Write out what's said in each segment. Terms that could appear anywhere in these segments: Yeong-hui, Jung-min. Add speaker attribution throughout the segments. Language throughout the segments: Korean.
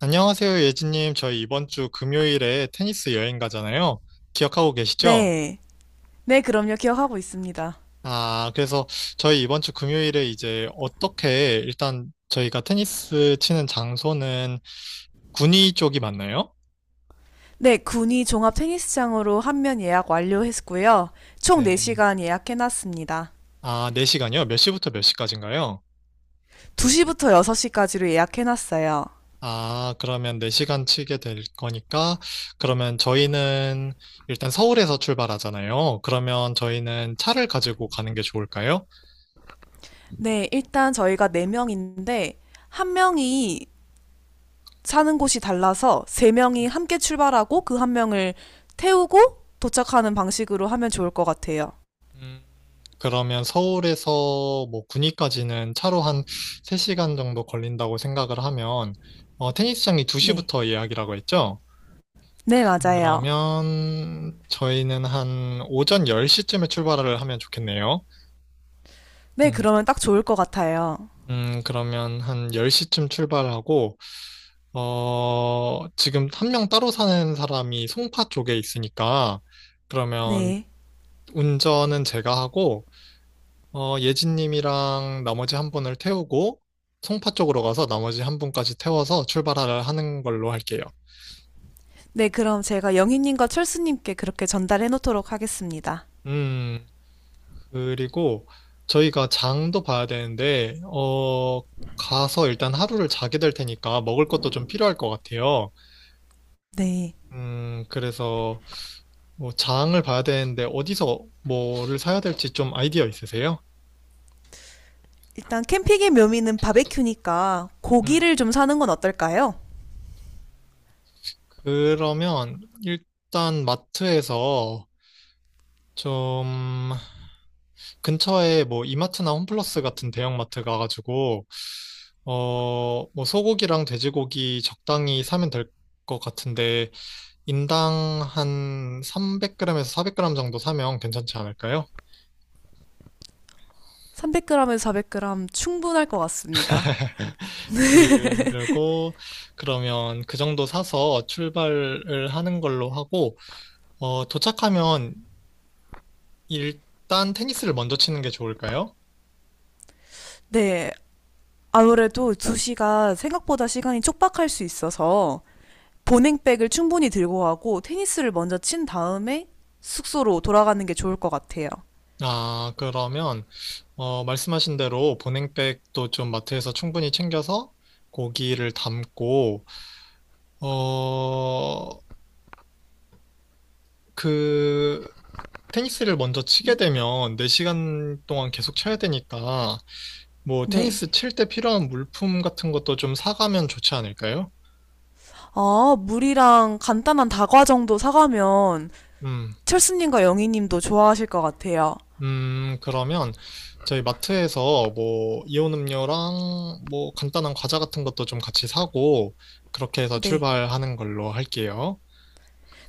Speaker 1: 안녕하세요, 예진님. 저희 이번 주 금요일에 테니스 여행 가잖아요. 기억하고 계시죠?
Speaker 2: 네. 네, 그럼요. 기억하고 있습니다.
Speaker 1: 그래서 저희 이번 주 금요일에 이제 어떻게 일단 저희가 테니스 치는 장소는 군위 쪽이 맞나요?
Speaker 2: 네, 군이 종합 테니스장으로 한 면 예약 완료했고요. 총
Speaker 1: 네.
Speaker 2: 4시간 예약해놨습니다.
Speaker 1: 아, 4시간이요? 몇 시부터 몇 시까지인가요?
Speaker 2: 2시부터 6시까지로 예약해놨어요.
Speaker 1: 아, 그러면 4시간 치게 될 거니까 그러면 저희는 일단 서울에서 출발하잖아요. 그러면 저희는 차를 가지고 가는 게 좋을까요?
Speaker 2: 네, 일단 저희가 4명인데, 한 명이 사는 곳이 달라서 3명이
Speaker 1: 음.
Speaker 2: 함께 출발하고 그 한 명을 태우고 도착하는 방식으로 하면 좋을 것 같아요.
Speaker 1: 음, 그러면 서울에서 뭐 구리까지는 차로 한 3시간 정도 걸린다고 생각을 하면, 테니스장이
Speaker 2: 네.
Speaker 1: 2시부터 예약이라고 했죠?
Speaker 2: 네, 맞아요.
Speaker 1: 그러면 저희는 한 오전 10시쯤에 출발을 하면 좋겠네요.
Speaker 2: 네,
Speaker 1: 음,
Speaker 2: 그러면 딱 좋을 것 같아요.
Speaker 1: 그러면 한 10시쯤 출발하고, 지금 한 명 따로 사는 사람이 송파 쪽에 있으니까, 그러면
Speaker 2: 네.
Speaker 1: 운전은 제가 하고, 예진님이랑 나머지 한 분을 태우고 송파 쪽으로 가서 나머지 한 분까지 태워서 출발을 하는 걸로 할게요.
Speaker 2: 네, 그럼 제가 영희님과 철수님께 그렇게 전달해 놓도록 하겠습니다.
Speaker 1: 음, 그리고 저희가 장도 봐야 되는데, 가서 일단 하루를 자게 될 테니까 먹을 것도 좀 필요할 것 같아요.
Speaker 2: 네.
Speaker 1: 그래서 뭐 장을 봐야 되는데 어디서 뭐를 사야 될지 좀 아이디어 있으세요?
Speaker 2: 일단 캠핑의 묘미는 바베큐니까
Speaker 1: 음,
Speaker 2: 고기를 좀 사는 건 어떨까요?
Speaker 1: 그러면 일단 마트에서 좀 근처에 뭐 이마트나 홈플러스 같은 대형마트 가가지고 어 뭐 소고기랑 돼지고기 적당히 사면 될 것 같은데 인당 한 300g에서 400g 정도 사면 괜찮지 않을까요?
Speaker 2: 300g에서 400g 충분할 것 같습니다.
Speaker 1: 그리고 그러면 그 정도 사서 출발을 하는 걸로 하고 도착하면 일단 테니스를 먼저 치는 게 좋을까요?
Speaker 2: 네. 아무래도 2시가 생각보다 시간이 촉박할 수 있어서 보냉백을 충분히 들고 가고 테니스를 먼저 친 다음에 숙소로 돌아가는 게 좋을 것 같아요.
Speaker 1: 아, 그러면 말씀하신 대로 보냉백도 좀 마트에서 충분히 챙겨서 고기를 담고, 어, 그, 테니스를 먼저 치게
Speaker 2: 네.
Speaker 1: 되면 4시간 동안 계속 쳐야 되니까, 뭐,
Speaker 2: 네.
Speaker 1: 테니스 칠 때 필요한 물품 같은 것도 좀 사가면 좋지 않을까요?
Speaker 2: 아, 물이랑 간단한 다과 정도 사가면
Speaker 1: 음,
Speaker 2: 철수님과 영희님도 좋아하실 것 같아요.
Speaker 1: 그러면 저희 마트에서 뭐, 이온 음료랑 뭐, 간단한 과자 같은 것도 좀 같이 사고, 그렇게 해서
Speaker 2: 네.
Speaker 1: 출발하는 걸로 할게요.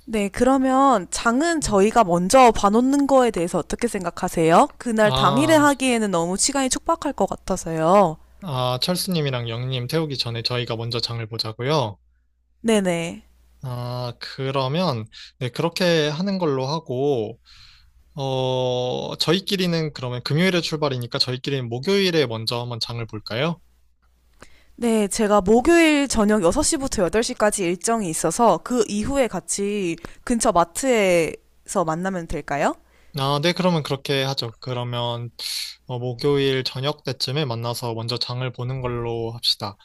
Speaker 2: 네, 그러면 장은
Speaker 1: 음.
Speaker 2: 저희가 먼저 봐놓는 거에 대해서 어떻게 생각하세요? 그날 당일에
Speaker 1: 아,
Speaker 2: 하기에는 너무 시간이 촉박할 것 같아서요.
Speaker 1: 아, 철수님이랑 영님 태우기 전에 저희가 먼저 장을 보자고요.
Speaker 2: 네네.
Speaker 1: 아, 그러면, 네, 그렇게 하는 걸로 하고, 저희끼리는 그러면 금요일에 출발이니까 저희끼리는 목요일에 먼저 한번 장을 볼까요?
Speaker 2: 네, 제가 목요일 저녁 6시부터 8시까지 일정이 있어서 그 이후에 같이 근처 마트에서 만나면 될까요?
Speaker 1: 아, 네, 그러면 그렇게 하죠. 그러면, 목요일 저녁 때쯤에 만나서 먼저 장을 보는 걸로 합시다.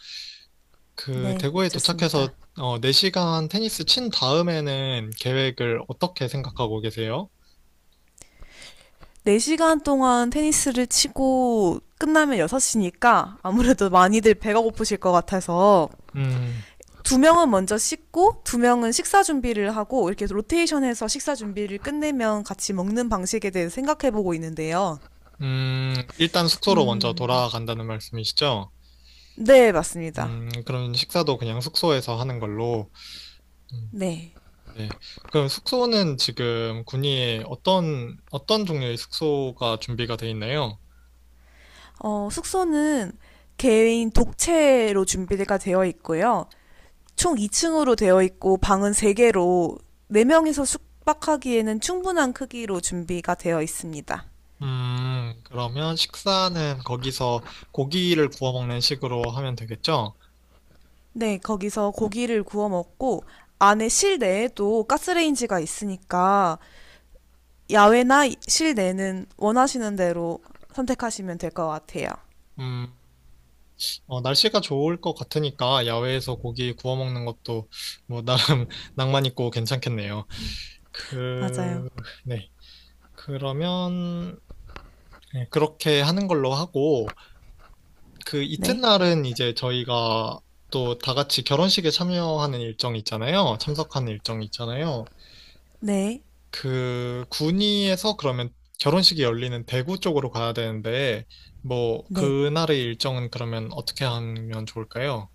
Speaker 2: 네,
Speaker 1: 대구에
Speaker 2: 좋습니다.
Speaker 1: 도착해서, 4시간 테니스 친 다음에는 계획을 어떻게 생각하고 계세요?
Speaker 2: 4시간 동안 테니스를 치고 끝나면 6시니까 아무래도 많이들 배가 고프실 것 같아서
Speaker 1: 음.
Speaker 2: 두 명은 먼저 씻고 두 명은 식사 준비를 하고 이렇게 로테이션해서 식사 준비를 끝내면 같이 먹는 방식에 대해 생각해 보고 있는데요.
Speaker 1: 일단 숙소로 먼저
Speaker 2: 음,
Speaker 1: 돌아간다는 말씀이시죠?
Speaker 2: 네, 맞습니다.
Speaker 1: 그럼 식사도 그냥 숙소에서 하는 걸로. 음,
Speaker 2: 네.
Speaker 1: 네. 그럼 숙소는 지금 군위에 어떤 종류의 숙소가 준비가 돼 있나요?
Speaker 2: 어, 숙소는 개인 독채로 준비가 되어 있고요. 총 2층으로 되어 있고 방은 3개로 4명이서 숙박하기에는 충분한 크기로 준비가 되어 있습니다.
Speaker 1: 그러면 식사는 거기서 고기를 구워 먹는 식으로 하면 되겠죠?
Speaker 2: 네, 거기서 고기를 구워 먹고 안에 실내에도 가스레인지가 있으니까 야외나 실내는 원하시는 대로 선택하시면 될 것 같아요.
Speaker 1: 음, 날씨가 좋을 것 같으니까 야외에서 고기 구워 먹는 것도 뭐 나름 낭만 있고 괜찮겠네요.
Speaker 2: 맞아요.
Speaker 1: 그, 네. 그러면 네, 그렇게 하는 걸로 하고, 그
Speaker 2: 네.
Speaker 1: 이튿날은 이제 저희가 또 다 같이 결혼식에 참여하는 일정이 있잖아요. 참석하는 일정이 있잖아요.
Speaker 2: 네.
Speaker 1: 그 군위에서 그러면 결혼식이 열리는 대구 쪽으로 가야 되는데, 뭐,
Speaker 2: 네.
Speaker 1: 그날의 일정은 그러면 어떻게 하면 좋을까요?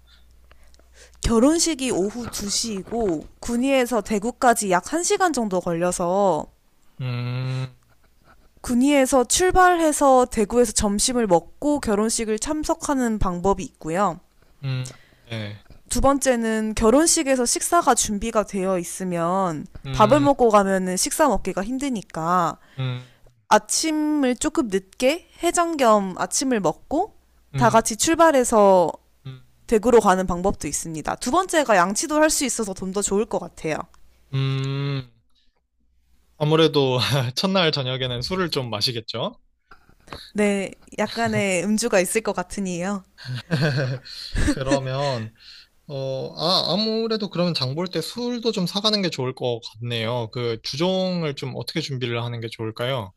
Speaker 2: 결혼식이 오후 2시이고 군위에서 대구까지 약 1시간 정도 걸려서
Speaker 1: 음,
Speaker 2: 군위에서 출발해서 대구에서 점심을 먹고 결혼식을 참석하는 방법이 있고요.
Speaker 1: 음, 네.
Speaker 2: 두 번째는 결혼식에서 식사가 준비가 되어 있으면 밥을
Speaker 1: 음,
Speaker 2: 먹고 가면은 식사 먹기가 힘드니까
Speaker 1: 음,
Speaker 2: 아침을 조금 늦게 해장 겸 아침을 먹고 다
Speaker 1: 음,
Speaker 2: 같이 출발해서
Speaker 1: 음,
Speaker 2: 댁으로 가는 방법도 있습니다. 두 번째가 양치도 할 수 있어서 좀 더 좋을 것 같아요.
Speaker 1: 음. 아무래도 첫날 저녁에는 술을 좀 마시겠죠?
Speaker 2: 네, 약간의 음주가 있을 것 같으니요.
Speaker 1: 그러면 아무래도 그러면 장볼 때 술도 좀 사가는 게 좋을 것 같네요. 그 주종을 좀 어떻게 준비를 하는 게 좋을까요?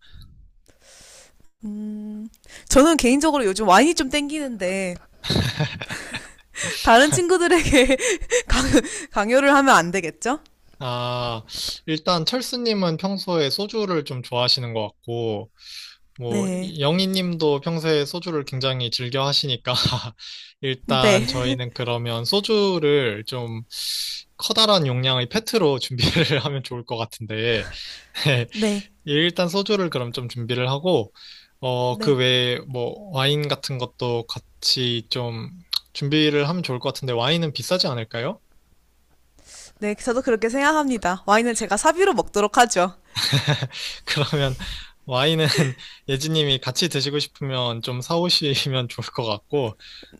Speaker 2: 음, 저는 개인적으로 요즘 와인이 좀 땡기는데 다른 친구들에게 강요를 하면 안 되겠죠?
Speaker 1: 아, 일단 철수님은 평소에 소주를 좀 좋아하시는 것 같고, 뭐
Speaker 2: 네,
Speaker 1: 영희님도 평소에 소주를 굉장히 즐겨 하시니까
Speaker 2: 네,
Speaker 1: 일단 저희는 그러면 소주를 좀 커다란 용량의 페트로 준비를 하면 좋을 것 같은데. 예,
Speaker 2: 네,
Speaker 1: 일단 소주를 그럼 좀 준비를 하고, 그
Speaker 2: 네,
Speaker 1: 외에 뭐 와인 같은 것도 같이 좀 준비를 하면 좋을 것 같은데 와인은 비싸지 않을까요?
Speaker 2: 네. 저도 그렇게 생각합니다. 와인은 제가 사비로 먹도록 하죠.
Speaker 1: 그러면 와인은 예지님이 같이 드시고 싶으면 좀 사오시면 좋을 것 같고,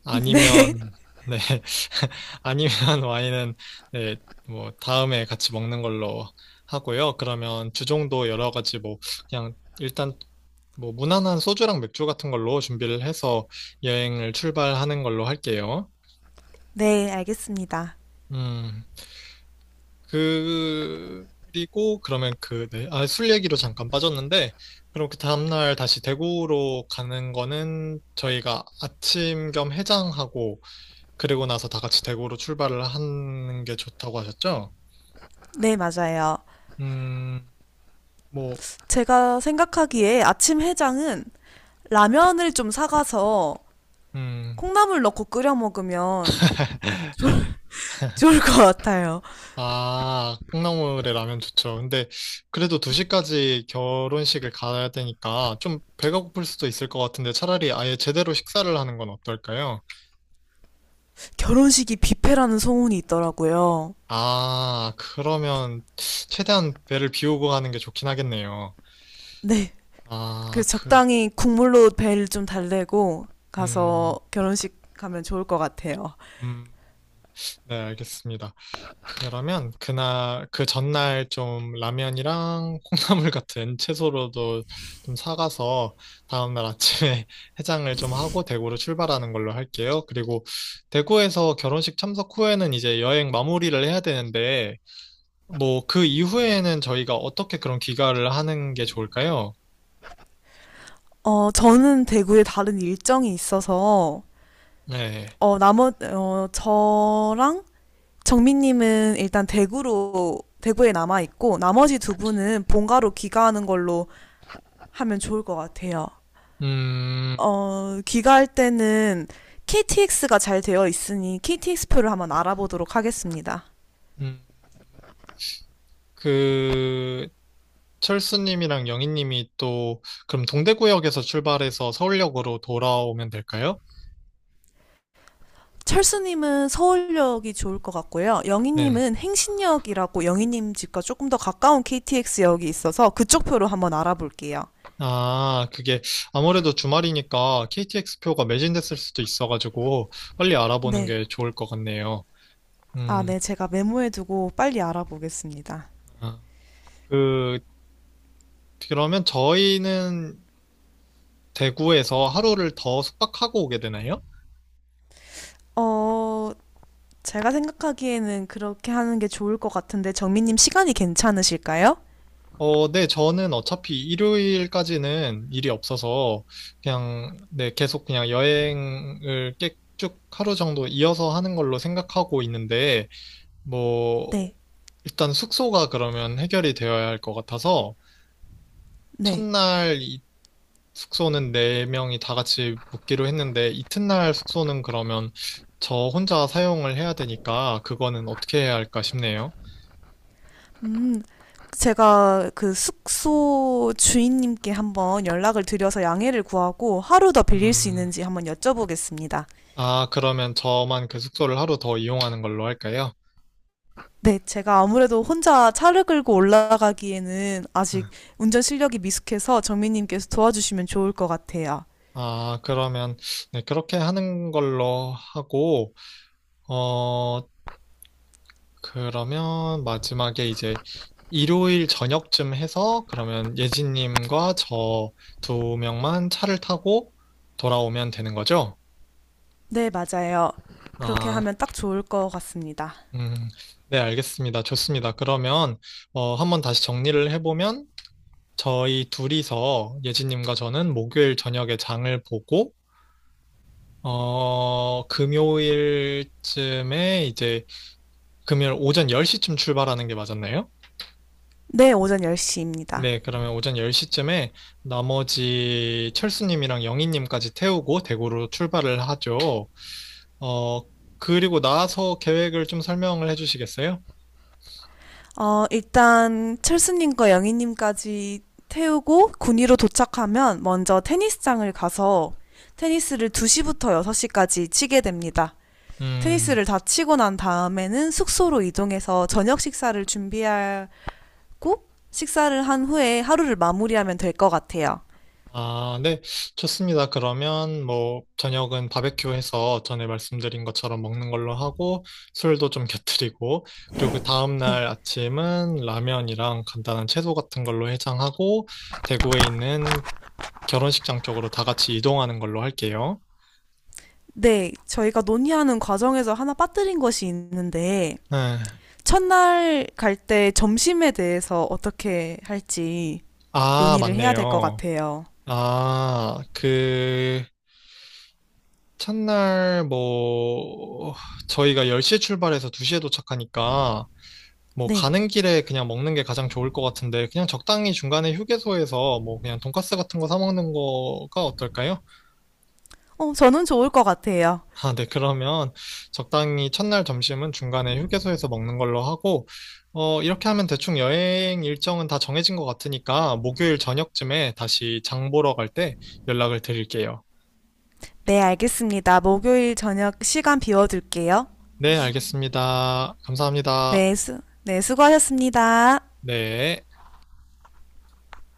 Speaker 1: 아니면, 네, 아니면 와인은, 네, 뭐, 다음에 같이 먹는 걸로 하고요. 그러면 주종도 여러 가지 뭐, 그냥 일단 뭐, 무난한 소주랑 맥주 같은 걸로 준비를 해서 여행을 출발하는 걸로 할게요.
Speaker 2: 네, 알겠습니다.
Speaker 1: 음. 그리고 그러면 네. 아, 술 얘기로 잠깐 빠졌는데, 그럼 그 다음날 다시 대구로 가는 거는 저희가 아침 겸 해장하고, 그리고 나서 다 같이 대구로 출발을 하는 게 좋다고 하셨죠?
Speaker 2: 네, 맞아요.
Speaker 1: 음, 뭐,
Speaker 2: 제가 생각하기에 아침 해장은 라면을 좀 사가서
Speaker 1: 음,
Speaker 2: 콩나물 넣고 끓여 먹으면 좋을 것 같아요.
Speaker 1: 아, 콩나물에 라면 좋죠. 근데 그래도 2시까지 결혼식을 가야 되니까 좀 배가 고플 수도 있을 것 같은데 차라리 아예 제대로 식사를 하는 건 어떨까요?
Speaker 2: 결혼식이 뷔페라는 소문이 있더라고요.
Speaker 1: 아, 그러면 최대한 배를 비우고 가는 게 좋긴 하겠네요.
Speaker 2: 네.
Speaker 1: 아,
Speaker 2: 그래서 적당히 국물로 배를 좀 달래고
Speaker 1: 음,
Speaker 2: 가서 결혼식 가면 좋을 것 같아요.
Speaker 1: 음, 네, 알겠습니다. 그러면 그날, 그 전날 좀 라면이랑 콩나물 같은 채소로도 좀 사가서 다음날 아침에 해장을 좀 하고 대구로 출발하는 걸로 할게요. 그리고 대구에서 결혼식 참석 후에는 이제 여행 마무리를 해야 되는데, 뭐 그 이후에는 저희가 어떻게 그런 귀가를 하는 게 좋을까요?
Speaker 2: 어, 저는 대구에 다른 일정이 있어서,
Speaker 1: 네.
Speaker 2: 저랑 정민님은 일단 대구로, 대구에 남아있고, 나머지 두 분은 본가로 귀가하는 걸로 하면 좋을 것 같아요.
Speaker 1: 음,
Speaker 2: 어, 귀가할 때는 KTX가 잘 되어 있으니 KTX표를 한번 알아보도록 하겠습니다.
Speaker 1: 음, 그, 철수님이랑 영희님이 또, 그럼 동대구역에서 출발해서 서울역으로 돌아오면 될까요?
Speaker 2: 철수님은 서울역이 좋을 것 같고요.
Speaker 1: 네.
Speaker 2: 영희님은 행신역이라고 영희님 집과 조금 더 가까운 KTX역이 있어서 그쪽 표로 한번 알아볼게요.
Speaker 1: 아, 그게 아무래도 주말이니까 KTX 표가 매진됐을 수도 있어가지고 빨리 알아보는
Speaker 2: 네.
Speaker 1: 게 좋을 것 같네요.
Speaker 2: 아,
Speaker 1: 음,
Speaker 2: 네. 제가 메모해두고 빨리 알아보겠습니다.
Speaker 1: 아, 그, 그러면 저희는 대구에서 하루를 더 숙박하고 오게 되나요?
Speaker 2: 어, 제가 생각하기에는 그렇게 하는 게 좋을 것 같은데 정민님 시간이 괜찮으실까요?
Speaker 1: 네, 저는 어차피 일요일까지는 일이 없어서 그냥, 네, 계속 그냥 여행을 쭉 하루 정도 이어서 하는 걸로 생각하고 있는데, 뭐,
Speaker 2: 네.
Speaker 1: 일단 숙소가 그러면 해결이 되어야 할 것 같아서,
Speaker 2: 네.
Speaker 1: 첫날 숙소는 네 명이 다 같이 묵기로 했는데, 이튿날 숙소는 그러면 저 혼자 사용을 해야 되니까, 그거는 어떻게 해야 할까 싶네요.
Speaker 2: 음, 제가 그 숙소 주인님께 한번 연락을 드려서 양해를 구하고 하루 더 빌릴 수
Speaker 1: 음,
Speaker 2: 있는지 한번 여쭤보겠습니다.
Speaker 1: 아, 그러면 저만 그 숙소를 하루 더 이용하는 걸로 할까요?
Speaker 2: 네, 제가 아무래도 혼자 차를 끌고 올라가기에는 아직 운전 실력이 미숙해서 정민님께서 도와주시면 좋을 것 같아요.
Speaker 1: 아, 그러면, 네, 그렇게 하는 걸로 하고, 어, 그러면 마지막에 이제 일요일 저녁쯤 해서 그러면 예진님과 저 두 명만 차를 타고 돌아오면 되는 거죠?
Speaker 2: 네, 맞아요. 그렇게
Speaker 1: 아,
Speaker 2: 하면 딱 좋을 것 같습니다.
Speaker 1: 음, 네, 알겠습니다. 좋습니다. 그러면, 한번 다시 정리를 해보면, 저희 둘이서 예진님과 저는 목요일 저녁에 장을 보고, 금요일쯤에 이제 금요일 오전 10시쯤 출발하는 게 맞았나요?
Speaker 2: 네, 오전 10시입니다.
Speaker 1: 네, 그러면 오전 10시쯤에 나머지 철수님이랑 영희님까지 태우고 대구로 출발을 하죠. 어, 그리고 나서 계획을 좀 설명을 해주시겠어요?
Speaker 2: 어, 일단 철수님과 영희님까지 태우고 군위로 도착하면 먼저 테니스장을 가서 테니스를 2시부터 6시까지 치게 됩니다.
Speaker 1: 음,
Speaker 2: 테니스를 다 치고 난 다음에는 숙소로 이동해서 저녁 식사를 준비하고 식사를 한 후에 하루를 마무리하면 될 것 같아요.
Speaker 1: 아, 네, 좋습니다. 그러면 뭐 저녁은 바베큐 해서 전에 말씀드린 것처럼 먹는 걸로 하고 술도 좀 곁들이고 그리고 그
Speaker 2: 네.
Speaker 1: 다음날 아침은 라면이랑 간단한 채소 같은 걸로 해장하고 대구에 있는 결혼식장 쪽으로 다 같이 이동하는 걸로 할게요.
Speaker 2: 네, 저희가 논의하는 과정에서 하나 빠뜨린 것이 있는데
Speaker 1: 네.
Speaker 2: 첫날 갈 때 점심에 대해서 어떻게 할지
Speaker 1: 아,
Speaker 2: 논의를 해야 될 것
Speaker 1: 맞네요.
Speaker 2: 같아요.
Speaker 1: 아, 첫날 뭐, 저희가 10시에 출발해서 2시에 도착하니까, 뭐,
Speaker 2: 네.
Speaker 1: 가는 길에 그냥 먹는 게 가장 좋을 것 같은데, 그냥 적당히 중간에 휴게소에서 뭐, 그냥 돈까스 같은 거 사 먹는 거가 어떨까요?
Speaker 2: 어, 저는 좋을 것 같아요.
Speaker 1: 아, 네, 그러면 적당히 첫날 점심은 중간에 휴게소에서 먹는 걸로 하고, 이렇게 하면 대충 여행 일정은 다 정해진 것 같으니까 목요일 저녁쯤에 다시 장 보러 갈 때 연락을 드릴게요.
Speaker 2: 네, 알겠습니다. 목요일 저녁 시간 비워둘게요.
Speaker 1: 네, 알겠습니다. 감사합니다.
Speaker 2: 네, 네, 수고하셨습니다.
Speaker 1: 네.